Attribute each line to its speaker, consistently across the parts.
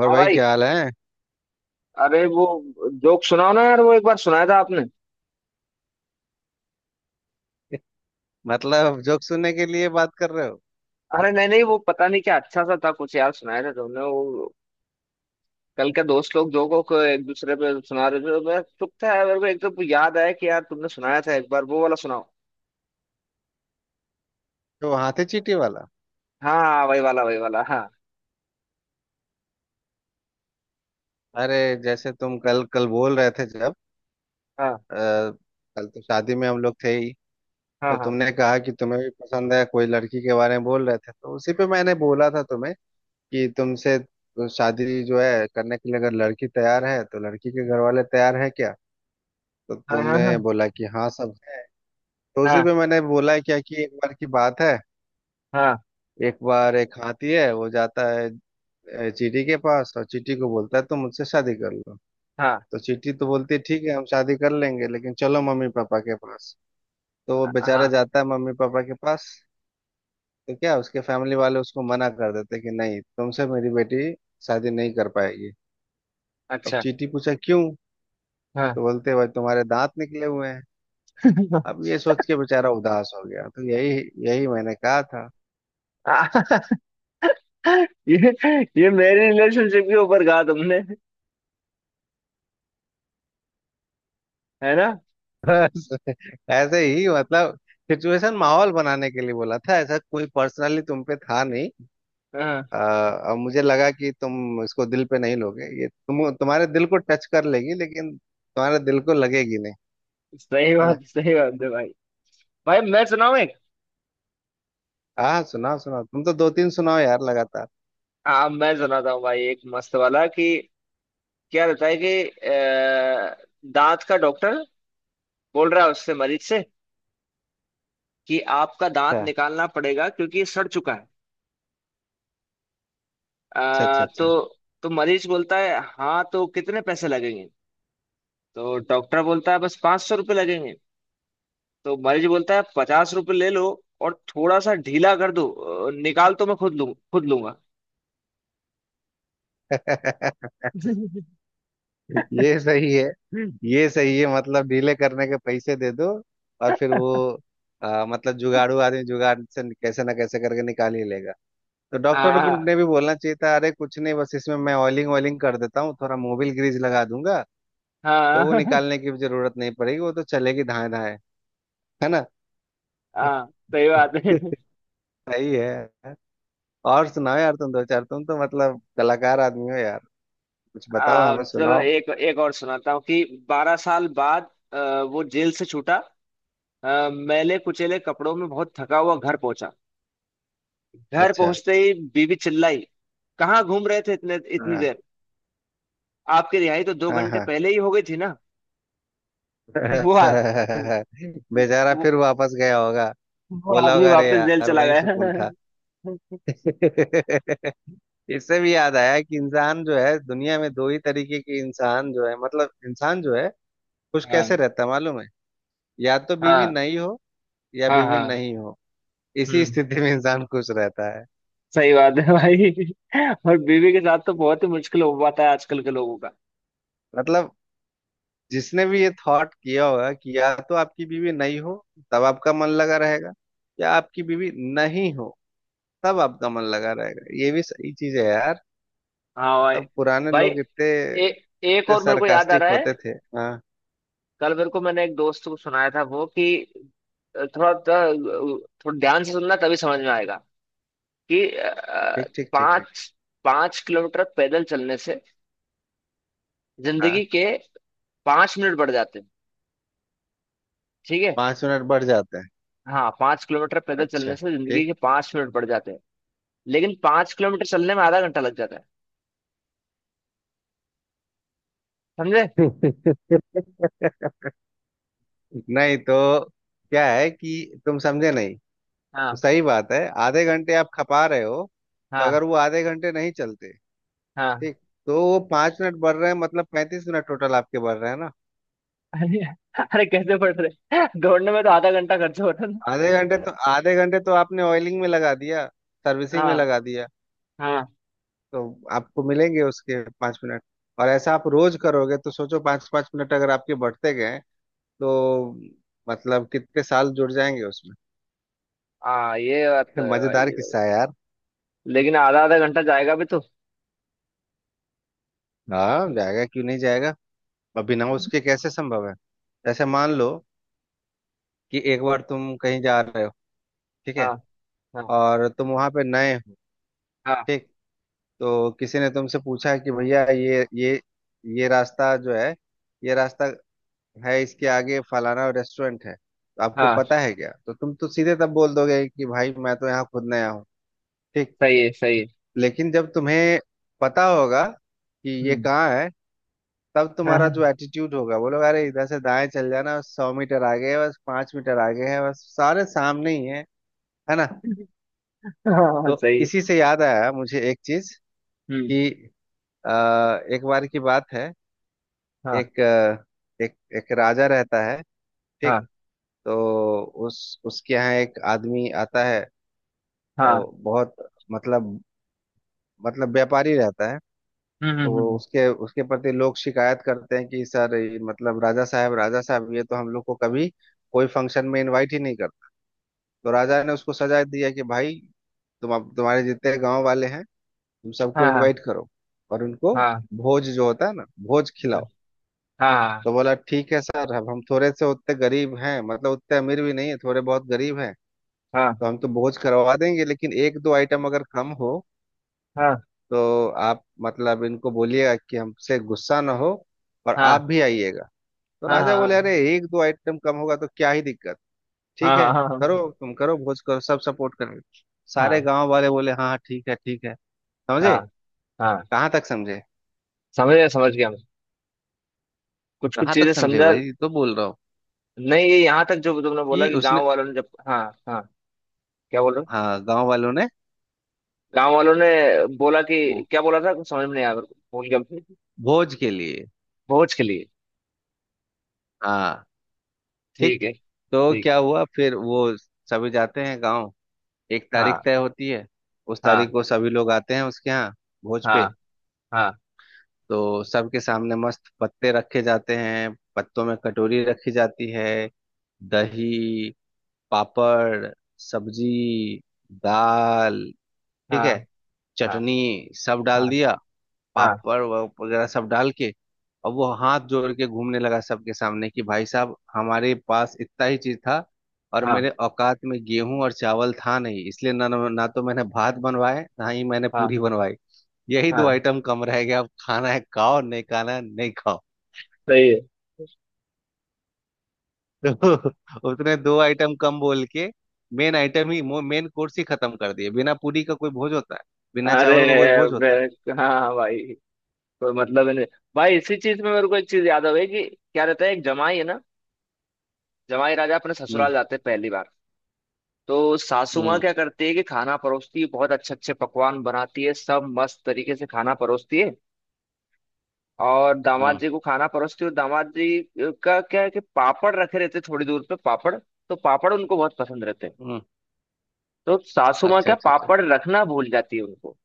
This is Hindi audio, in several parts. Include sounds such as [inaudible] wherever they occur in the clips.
Speaker 1: और
Speaker 2: हाँ
Speaker 1: भाई
Speaker 2: भाई।
Speaker 1: क्या हाल है।
Speaker 2: अरे वो, जोक सुनाओ ना यार, वो एक बार सुनाया था आपने।
Speaker 1: मतलब जोक सुनने के लिए बात कर रहे हो?
Speaker 2: अरे नहीं नहीं, वो पता नहीं क्या अच्छा सा था कुछ यार, सुनाया था तुमने वो। कल के दोस्त लोग जोकों को एक दूसरे पे सुना रहे थे तो मैं चुप था यार, मेरे को एकदम याद आया कि यार तुमने सुनाया था एक बार, वो वाला सुनाओ।
Speaker 1: तो हाथे चींटी वाला।
Speaker 2: हाँ हाँ हाँ, वही वाला हाँ
Speaker 1: अरे, जैसे तुम कल कल बोल रहे थे जब,
Speaker 2: हाँ
Speaker 1: आ, कल तो शादी में हम लोग थे ही। तो
Speaker 2: हाँ
Speaker 1: तुमने कहा कि तुम्हें भी पसंद है, कोई लड़की के बारे में बोल रहे थे। तो उसी पे मैंने बोला था तुम्हें कि तुमसे शादी जो है करने के लिए अगर लड़की तैयार है तो लड़की के घर वाले तैयार है क्या? तो
Speaker 2: हाँ। हाँ हाँ
Speaker 1: तुमने
Speaker 2: हाँ
Speaker 1: बोला कि हाँ, सब है। तो उसी पे मैंने बोला क्या कि एक बार की बात है,
Speaker 2: हाँ
Speaker 1: एक बार एक हाथी है, वो जाता है चीटी के पास और चीटी को बोलता है तुम मुझसे शादी कर लो।
Speaker 2: हाँ
Speaker 1: तो चीटी तो बोलती है ठीक है, हम शादी कर लेंगे लेकिन चलो मम्मी पापा के पास। तो वो
Speaker 2: हाँ
Speaker 1: बेचारा
Speaker 2: हाँ,
Speaker 1: जाता है मम्मी पापा के पास। तो क्या, उसके फैमिली वाले उसको मना कर देते हैं कि नहीं, तुमसे मेरी बेटी शादी नहीं कर पाएगी। अब
Speaker 2: अच्छा।
Speaker 1: चीटी पूछा क्यों?
Speaker 2: हाँ।
Speaker 1: तो बोलते भाई तुम्हारे दांत निकले हुए हैं।
Speaker 2: [laughs]
Speaker 1: अब ये सोच के बेचारा उदास हो गया। तो यही यही मैंने कहा था।
Speaker 2: ये ये मेरी रिलेशनशिप के ऊपर कहा तुमने, है ना।
Speaker 1: [laughs] बस, ऐसे ही, मतलब सिचुएशन माहौल बनाने के लिए बोला था। ऐसा कोई पर्सनली तुम पे था नहीं।
Speaker 2: हाँ।
Speaker 1: आ, अब मुझे लगा कि तुम इसको दिल पे नहीं लोगे, ये तुम्हारे दिल को टच कर लेगी लेकिन तुम्हारे दिल को लगेगी नहीं।
Speaker 2: सही
Speaker 1: है ना।
Speaker 2: बात, सही बात है भाई। भाई मैं सुनाऊँ एक?
Speaker 1: हाँ, सुनाओ सुनाओ, तुम तो दो तीन सुनाओ यार लगातार।
Speaker 2: हाँ मैं सुनाता हूँ भाई, एक मस्त वाला। कि क्या रहता है कि दांत का डॉक्टर बोल रहा है उससे, मरीज से, कि आपका दांत
Speaker 1: अच्छा,
Speaker 2: निकालना पड़ेगा क्योंकि ये सड़ चुका है।
Speaker 1: अच्छा, अच्छा, अच्छा।
Speaker 2: तो मरीज बोलता है, हाँ तो कितने पैसे लगेंगे। तो डॉक्टर बोलता है बस 500 रुपये लगेंगे। तो मरीज बोलता है 50 रुपये ले लो और थोड़ा सा ढीला कर दो। निकाल तो मैं खुद लूँ, खुद लूंगा।
Speaker 1: [laughs]
Speaker 2: [laughs]
Speaker 1: ये सही है। ये सही है, मतलब डीले करने के पैसे दे दो। और फिर वो मतलब जुगाड़ू आदमी जुगाड़ से कैसे ना कैसे करके निकाल ही लेगा। तो
Speaker 2: हाँ
Speaker 1: ने भी बोलना चाहिए था अरे कुछ नहीं, बस इसमें मैं ऑयलिंग ऑयलिंग कर देता हूँ, थोड़ा मोबिल ग्रीज लगा दूंगा। तो वो
Speaker 2: हाँ
Speaker 1: निकालने की भी जरूरत नहीं पड़ेगी, वो तो चलेगी धाए धाए। है ना।
Speaker 2: हाँ, सही बात है।
Speaker 1: [laughs] सही है। और सुनाओ यार, तुम दो चार, तुम तो मतलब कलाकार आदमी हो यार। कुछ बताओ, हमें
Speaker 2: चलो
Speaker 1: सुनाओ।
Speaker 2: एक एक और सुनाता हूँ। कि 12 साल बाद वो जेल से छूटा, मैले कुचेले कपड़ों में बहुत थका हुआ घर पहुंचा। घर
Speaker 1: अच्छा।
Speaker 2: पहुंचते ही बीवी चिल्लाई, कहाँ घूम रहे थे इतने इतनी
Speaker 1: हाँ,
Speaker 2: देर। आपकी रिहाई तो दो
Speaker 1: हाँ,
Speaker 2: घंटे
Speaker 1: हाँ।
Speaker 2: पहले ही हो गई थी ना। वो आ,
Speaker 1: [laughs]
Speaker 2: वो,
Speaker 1: बेचारा
Speaker 2: वो
Speaker 1: फिर वापस गया होगा।
Speaker 2: वो
Speaker 1: बोला
Speaker 2: आदमी
Speaker 1: होगा अरे
Speaker 2: वापस जेल
Speaker 1: यार,
Speaker 2: चला
Speaker 1: वही
Speaker 2: गया।
Speaker 1: सुकून था। [laughs] इससे भी याद आया कि इंसान जो है दुनिया में दो ही तरीके के इंसान जो है, मतलब इंसान जो है खुश
Speaker 2: हाँ
Speaker 1: कैसे रहता है मालूम है? या तो बीवी
Speaker 2: हाँ
Speaker 1: नहीं हो, या
Speaker 2: हाँ
Speaker 1: बीवी
Speaker 2: हाँ।
Speaker 1: नहीं हो, इसी
Speaker 2: हम्म।
Speaker 1: स्थिति में इंसान खुश रहता है।
Speaker 2: सही बात है भाई। और बीवी के साथ तो बहुत ही मुश्किल हो पाता है आजकल के लोगों।
Speaker 1: मतलब जिसने भी ये थॉट किया होगा कि या तो आपकी बीवी नहीं हो तब आपका मन लगा रहेगा, या आपकी बीवी नहीं हो तब आपका मन लगा रहेगा, ये भी सही चीज है यार।
Speaker 2: हाँ भाई।
Speaker 1: मतलब पुराने
Speaker 2: भाई
Speaker 1: लोग इतने,
Speaker 2: एक
Speaker 1: इतने
Speaker 2: और मेरे को याद आ
Speaker 1: सरकास्टिक
Speaker 2: रहा है।
Speaker 1: होते थे। हाँ।
Speaker 2: कल मेरे को मैंने एक दोस्त को सुनाया था वो। कि थोड़ा थोड़ा थोड़ा ध्यान से सुनना तभी समझ में आएगा। कि
Speaker 1: ठीक, ठीक, ठीक, ठीक।
Speaker 2: पाँच पाँच किलोमीटर पैदल चलने से जिंदगी
Speaker 1: हाँ,
Speaker 2: के 5 मिनट बढ़ जाते हैं। ठीक है।
Speaker 1: पांच मिनट बढ़ जाते हैं।
Speaker 2: हाँ 5 किलोमीटर पैदल
Speaker 1: अच्छा।
Speaker 2: चलने से जिंदगी
Speaker 1: ठीक।
Speaker 2: के पाँच मिनट बढ़ जाते हैं। लेकिन 5 किलोमीटर चलने में आधा घंटा लग जाता है, समझे?
Speaker 1: [laughs] नहीं तो, क्या है कि तुम समझे नहीं। वो
Speaker 2: हाँ
Speaker 1: सही बात है, आधे घंटे आप खपा रहे हो। तो
Speaker 2: हाँ
Speaker 1: अगर वो आधे घंटे नहीं चलते,
Speaker 2: हाँ।
Speaker 1: ठीक, तो वो पांच मिनट बढ़ रहे हैं, मतलब पैंतीस मिनट टोटल आपके बढ़ रहे हैं ना।
Speaker 2: [laughs] अरे, अरे कैसे पढ़ रहे [laughs] दौड़ने में तो आधा घंटा खर्च होता है ना।
Speaker 1: आधे घंटे तो, आधे घंटे तो आपने ऑयलिंग में लगा दिया, सर्विसिंग में
Speaker 2: हाँ
Speaker 1: लगा दिया।
Speaker 2: हाँ
Speaker 1: तो आपको मिलेंगे उसके पांच मिनट। और ऐसा आप रोज करोगे तो सोचो, पांच पांच मिनट अगर आपके बढ़ते गए तो मतलब कितने साल जुड़ जाएंगे उसमें।
Speaker 2: हाँ, ये बात तो
Speaker 1: [laughs]
Speaker 2: है भाई,
Speaker 1: मजेदार
Speaker 2: ये बात।
Speaker 1: किस्सा है यार।
Speaker 2: लेकिन आधा आधा घंटा जाएगा भी तो।
Speaker 1: हाँ जाएगा, क्यों नहीं जाएगा। अब बिना उसके कैसे संभव है। जैसे मान लो कि एक बार तुम कहीं जा रहे हो, ठीक
Speaker 2: हाँ
Speaker 1: है,
Speaker 2: हाँ
Speaker 1: और तुम वहां पे नए हो,
Speaker 2: हाँ
Speaker 1: ठीक। तो किसी ने तुमसे पूछा कि भैया ये ये रास्ता जो है, ये रास्ता है, इसके आगे फलाना रेस्टोरेंट है तो आपको
Speaker 2: हाँ।
Speaker 1: पता है क्या? तो तुम तो सीधे तब बोल दोगे कि भाई मैं तो यहाँ खुद नया हूँ। ठीक।
Speaker 2: सही है, सही है।
Speaker 1: लेकिन जब तुम्हें पता होगा कि ये
Speaker 2: हम्म।
Speaker 1: कहाँ है, तब
Speaker 2: हाँ
Speaker 1: तुम्हारा जो
Speaker 2: हाँ
Speaker 1: एटीट्यूड होगा, बोलोगे अरे इधर से दाएं चल जाना, सौ मीटर आगे है बस, पांच मीटर आगे है बस, सारे सामने ही है। है ना।
Speaker 2: हाँ,
Speaker 1: तो
Speaker 2: सही है।
Speaker 1: इसी से याद आया मुझे एक चीज
Speaker 2: हम्म।
Speaker 1: कि अ, एक बार की बात है,
Speaker 2: हाँ
Speaker 1: एक अ, एक एक राजा रहता है, ठीक।
Speaker 2: हाँ
Speaker 1: तो उस उसके यहाँ एक आदमी आता है, और
Speaker 2: हाँ।
Speaker 1: बहुत, मतलब, व्यापारी रहता है।
Speaker 2: हम्म
Speaker 1: तो
Speaker 2: हम्म
Speaker 1: वो
Speaker 2: हम्म,
Speaker 1: उसके उसके प्रति लोग शिकायत करते हैं कि सर ये, मतलब राजा साहब, राजा साहब ये तो हम लोग को कभी कोई फंक्शन में इनवाइट ही नहीं करता। तो राजा ने उसको सजा दिया कि भाई तुम, अब तुम्हारे जितने गांव वाले हैं तुम सबको
Speaker 2: हाँ हाँ
Speaker 1: इनवाइट करो, और उनको
Speaker 2: हाँ
Speaker 1: भोज जो होता है ना, भोज खिलाओ।
Speaker 2: हाँ
Speaker 1: तो बोला ठीक है सर, अब हम थोड़े से उतने गरीब हैं, मतलब उतने अमीर भी नहीं है, थोड़े बहुत गरीब हैं।
Speaker 2: हाँ
Speaker 1: तो हम तो भोज करवा देंगे लेकिन एक दो आइटम अगर कम हो
Speaker 2: हाँ
Speaker 1: तो आप मतलब इनको बोलिएगा कि हमसे गुस्सा ना हो, और
Speaker 2: हाँ
Speaker 1: आप भी आइएगा। तो
Speaker 2: हाँ
Speaker 1: राजा बोले अरे
Speaker 2: हाँ
Speaker 1: एक दो आइटम कम होगा तो क्या ही दिक्कत।
Speaker 2: हाँ
Speaker 1: ठीक है,
Speaker 2: हाँ
Speaker 1: करो
Speaker 2: हाँ
Speaker 1: तुम, करो भोज, करो, सब सपोर्ट करेंगे।
Speaker 2: हाँ
Speaker 1: सारे
Speaker 2: हाँ
Speaker 1: गांव वाले बोले हाँ हाँ, ठीक है ठीक है। समझे?
Speaker 2: हाँ, हाँ,
Speaker 1: कहाँ तक समझे?
Speaker 2: समझ गया मैं। कुछ कुछ
Speaker 1: कहाँ तक
Speaker 2: चीजें
Speaker 1: समझे
Speaker 2: समझा।
Speaker 1: वही तो बोल रहा हूँ
Speaker 2: नहीं, ये यहाँ तक जो तुमने बोला
Speaker 1: कि
Speaker 2: कि
Speaker 1: उसने,
Speaker 2: गांव वालों ने जब हाँ, हाँ। क्या बोल रहे हो?
Speaker 1: हाँ, गांव वालों ने,
Speaker 2: गांव वालों ने बोला कि
Speaker 1: भो-
Speaker 2: क्या बोला था, कुछ समझ में नहीं आया मेरे को, भूल गया।
Speaker 1: भोज के लिए,
Speaker 2: भोज के लिए?
Speaker 1: हाँ, ठीक।
Speaker 2: ठीक है।
Speaker 1: तो
Speaker 2: ठीक है।
Speaker 1: क्या हुआ फिर वो, सभी जाते हैं गांव, एक
Speaker 2: हाँ
Speaker 1: तारीख तय होती है, उस तारीख
Speaker 2: हाँ
Speaker 1: को सभी लोग आते हैं उसके यहाँ, भोज
Speaker 2: हाँ
Speaker 1: पे।
Speaker 2: हाँ
Speaker 1: तो सबके सामने मस्त पत्ते रखे जाते हैं, पत्तों में कटोरी रखी जाती है, दही, पापड़, सब्जी, दाल, ठीक
Speaker 2: हाँ
Speaker 1: है,
Speaker 2: हाँ
Speaker 1: चटनी, सब
Speaker 2: हाँ
Speaker 1: डाल दिया,
Speaker 2: हाँ
Speaker 1: वगैरह सब डाल के। और वो हाथ जोड़ के घूमने लगा सबके सामने कि भाई साहब, हमारे पास इतना ही चीज था, और
Speaker 2: हाँ
Speaker 1: मेरे औकात में गेहूं और चावल था नहीं, इसलिए ना ना तो मैंने भात बनवाए ना ही मैंने
Speaker 2: हाँ
Speaker 1: पूरी बनवाई। यही दो
Speaker 2: हाँ।
Speaker 1: आइटम कम रह गया, अब खाना है खाओ, नहीं खाना है नहीं खाओ।
Speaker 2: सही है।
Speaker 1: तो [laughs] उसने दो आइटम कम बोल के मेन आइटम ही, मेन कोर्स ही खत्म कर दिए। बिना पूरी का कोई भोज होता है? बिना
Speaker 2: अरे
Speaker 1: चावल का कोई भोज होता है?
Speaker 2: हाँ भाई, कोई मतलब ही नहीं। भाई इसी चीज में मेरे को एक चीज याद आ गई, कि क्या रहता है, एक जमाई है ना, जमाई राजा अपने ससुराल
Speaker 1: हम्म,
Speaker 2: जाते हैं पहली बार। तो सासू माँ
Speaker 1: हम्म,
Speaker 2: क्या करती है कि खाना परोसती है, बहुत अच्छे अच्छे पकवान बनाती है, सब मस्त तरीके से खाना परोसती है। और दामाद
Speaker 1: हम्म,
Speaker 2: जी को खाना परोसती हूँ, दामाद जी का क्या है कि पापड़ रखे रहते थोड़ी दूर पे, पापड़ तो पापड़ उनको बहुत पसंद रहते हैं।
Speaker 1: हम्म।
Speaker 2: तो सासू माँ
Speaker 1: अच्छा,
Speaker 2: क्या,
Speaker 1: अच्छा, अच्छा।
Speaker 2: पापड़ रखना भूल जाती है उनको।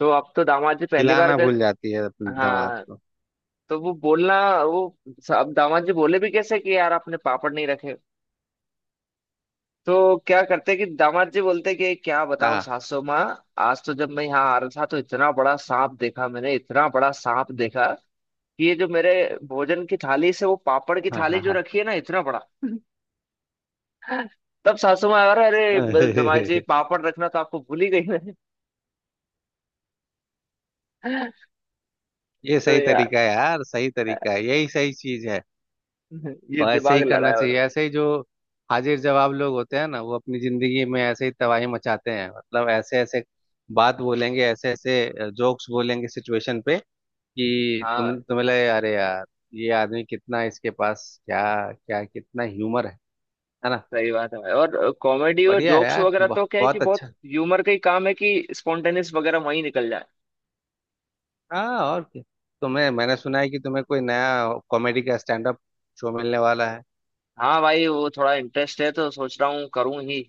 Speaker 2: तो अब तो दामाद जी पहली बार
Speaker 1: हिलाना
Speaker 2: गए।
Speaker 1: भूल जाती है अपने दिमाग
Speaker 2: हाँ।
Speaker 1: को।
Speaker 2: तो वो बोलना वो अब दामाद जी बोले भी कैसे कि यार आपने पापड़ नहीं रखे। तो क्या करते कि दामाद जी बोलते कि क्या बताओ
Speaker 1: हाँ,
Speaker 2: सासू माँ, आज तो जब मैं यहाँ आ रहा था तो इतना बड़ा सांप देखा मैंने, इतना बड़ा सांप देखा, कि ये जो मेरे भोजन की थाली से वो पापड़ की
Speaker 1: हाँ,
Speaker 2: थाली
Speaker 1: हाँ,
Speaker 2: जो
Speaker 1: हाँ।
Speaker 2: रखी है ना, इतना बड़ा। तब सासू माँ, और अरे जमाई जी
Speaker 1: [laughs]
Speaker 2: पापड़ रखना तो आपको भूल ही गई मैं। [laughs]
Speaker 1: ये
Speaker 2: तो
Speaker 1: सही
Speaker 2: यार
Speaker 1: तरीका है यार, सही तरीका है, यही सही चीज है।
Speaker 2: ये
Speaker 1: और ऐसे
Speaker 2: दिमाग
Speaker 1: ही
Speaker 2: लड़ा
Speaker 1: करना
Speaker 2: है
Speaker 1: चाहिए,
Speaker 2: और।
Speaker 1: ऐसे ही जो हाजिर जवाब लोग होते हैं ना वो अपनी जिंदगी में ऐसे ही तबाही मचाते हैं, मतलब ऐसे ऐसे बात बोलेंगे, ऐसे ऐसे जोक्स बोलेंगे सिचुएशन पे कि
Speaker 2: हाँ
Speaker 1: तुम्हें लगे अरे यार ये आदमी कितना, इसके पास क्या, क्या कितना ह्यूमर है। है ना।
Speaker 2: सही बात है भाई। और कॉमेडी और
Speaker 1: बढ़िया है
Speaker 2: जोक्स
Speaker 1: यार,
Speaker 2: वगैरह तो क्या है कि
Speaker 1: बहुत
Speaker 2: बहुत
Speaker 1: अच्छा।
Speaker 2: ह्यूमर का ही काम है कि स्पॉन्टेनियस वगैरह वहीं निकल जाए।
Speaker 1: हाँ और क्या। तुम्हें मैंने सुना है कि तुम्हें कोई नया कॉमेडी का स्टैंड अप शो मिलने वाला है।
Speaker 2: हाँ भाई, वो थोड़ा इंटरेस्ट है तो सोच रहा हूँ करूँ ही।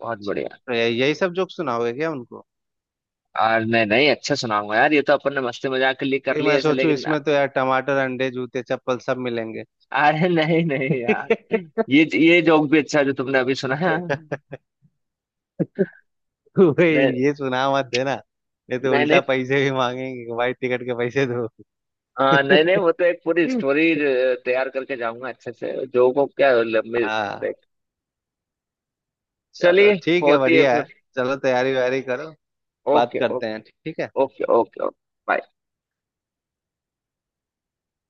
Speaker 2: बहुत
Speaker 1: अच्छा,
Speaker 2: बढ़िया।
Speaker 1: तो यही सब जोक सुनाओगे क्या उनको?
Speaker 2: और नहीं नहीं, अच्छा सुनाऊंगा यार, ये तो अपन ने मस्ती मजाक के लिए कर
Speaker 1: भाई मैं
Speaker 2: लिया ऐसे,
Speaker 1: सोचूं
Speaker 2: लेकिन।
Speaker 1: इसमें तो यार टमाटर अंडे जूते चप्पल सब मिलेंगे।
Speaker 2: अरे नहीं नहीं यार,
Speaker 1: [laughs]
Speaker 2: ये जोक भी अच्छा है जो तुमने अभी सुना है।
Speaker 1: तू भाई,
Speaker 2: नहीं
Speaker 1: ये सुना मत देना, नहीं तो
Speaker 2: नहीं नहीं।
Speaker 1: उल्टा पैसे भी मांगेंगे कि भाई टिकट के पैसे दो।
Speaker 2: हाँ नहीं नहीं,
Speaker 1: [laughs]
Speaker 2: वो तो एक पूरी स्टोरी तैयार करके जाऊंगा अच्छे से, जो को क्या लंबी।
Speaker 1: हाँ चलो,
Speaker 2: चलिए
Speaker 1: ठीक है,
Speaker 2: होती है
Speaker 1: बढ़िया है।
Speaker 2: फिर।
Speaker 1: चलो तैयारी वैयारी करो, बात
Speaker 2: ओके ओके
Speaker 1: करते हैं, ठीक है।
Speaker 2: Okay okay okay.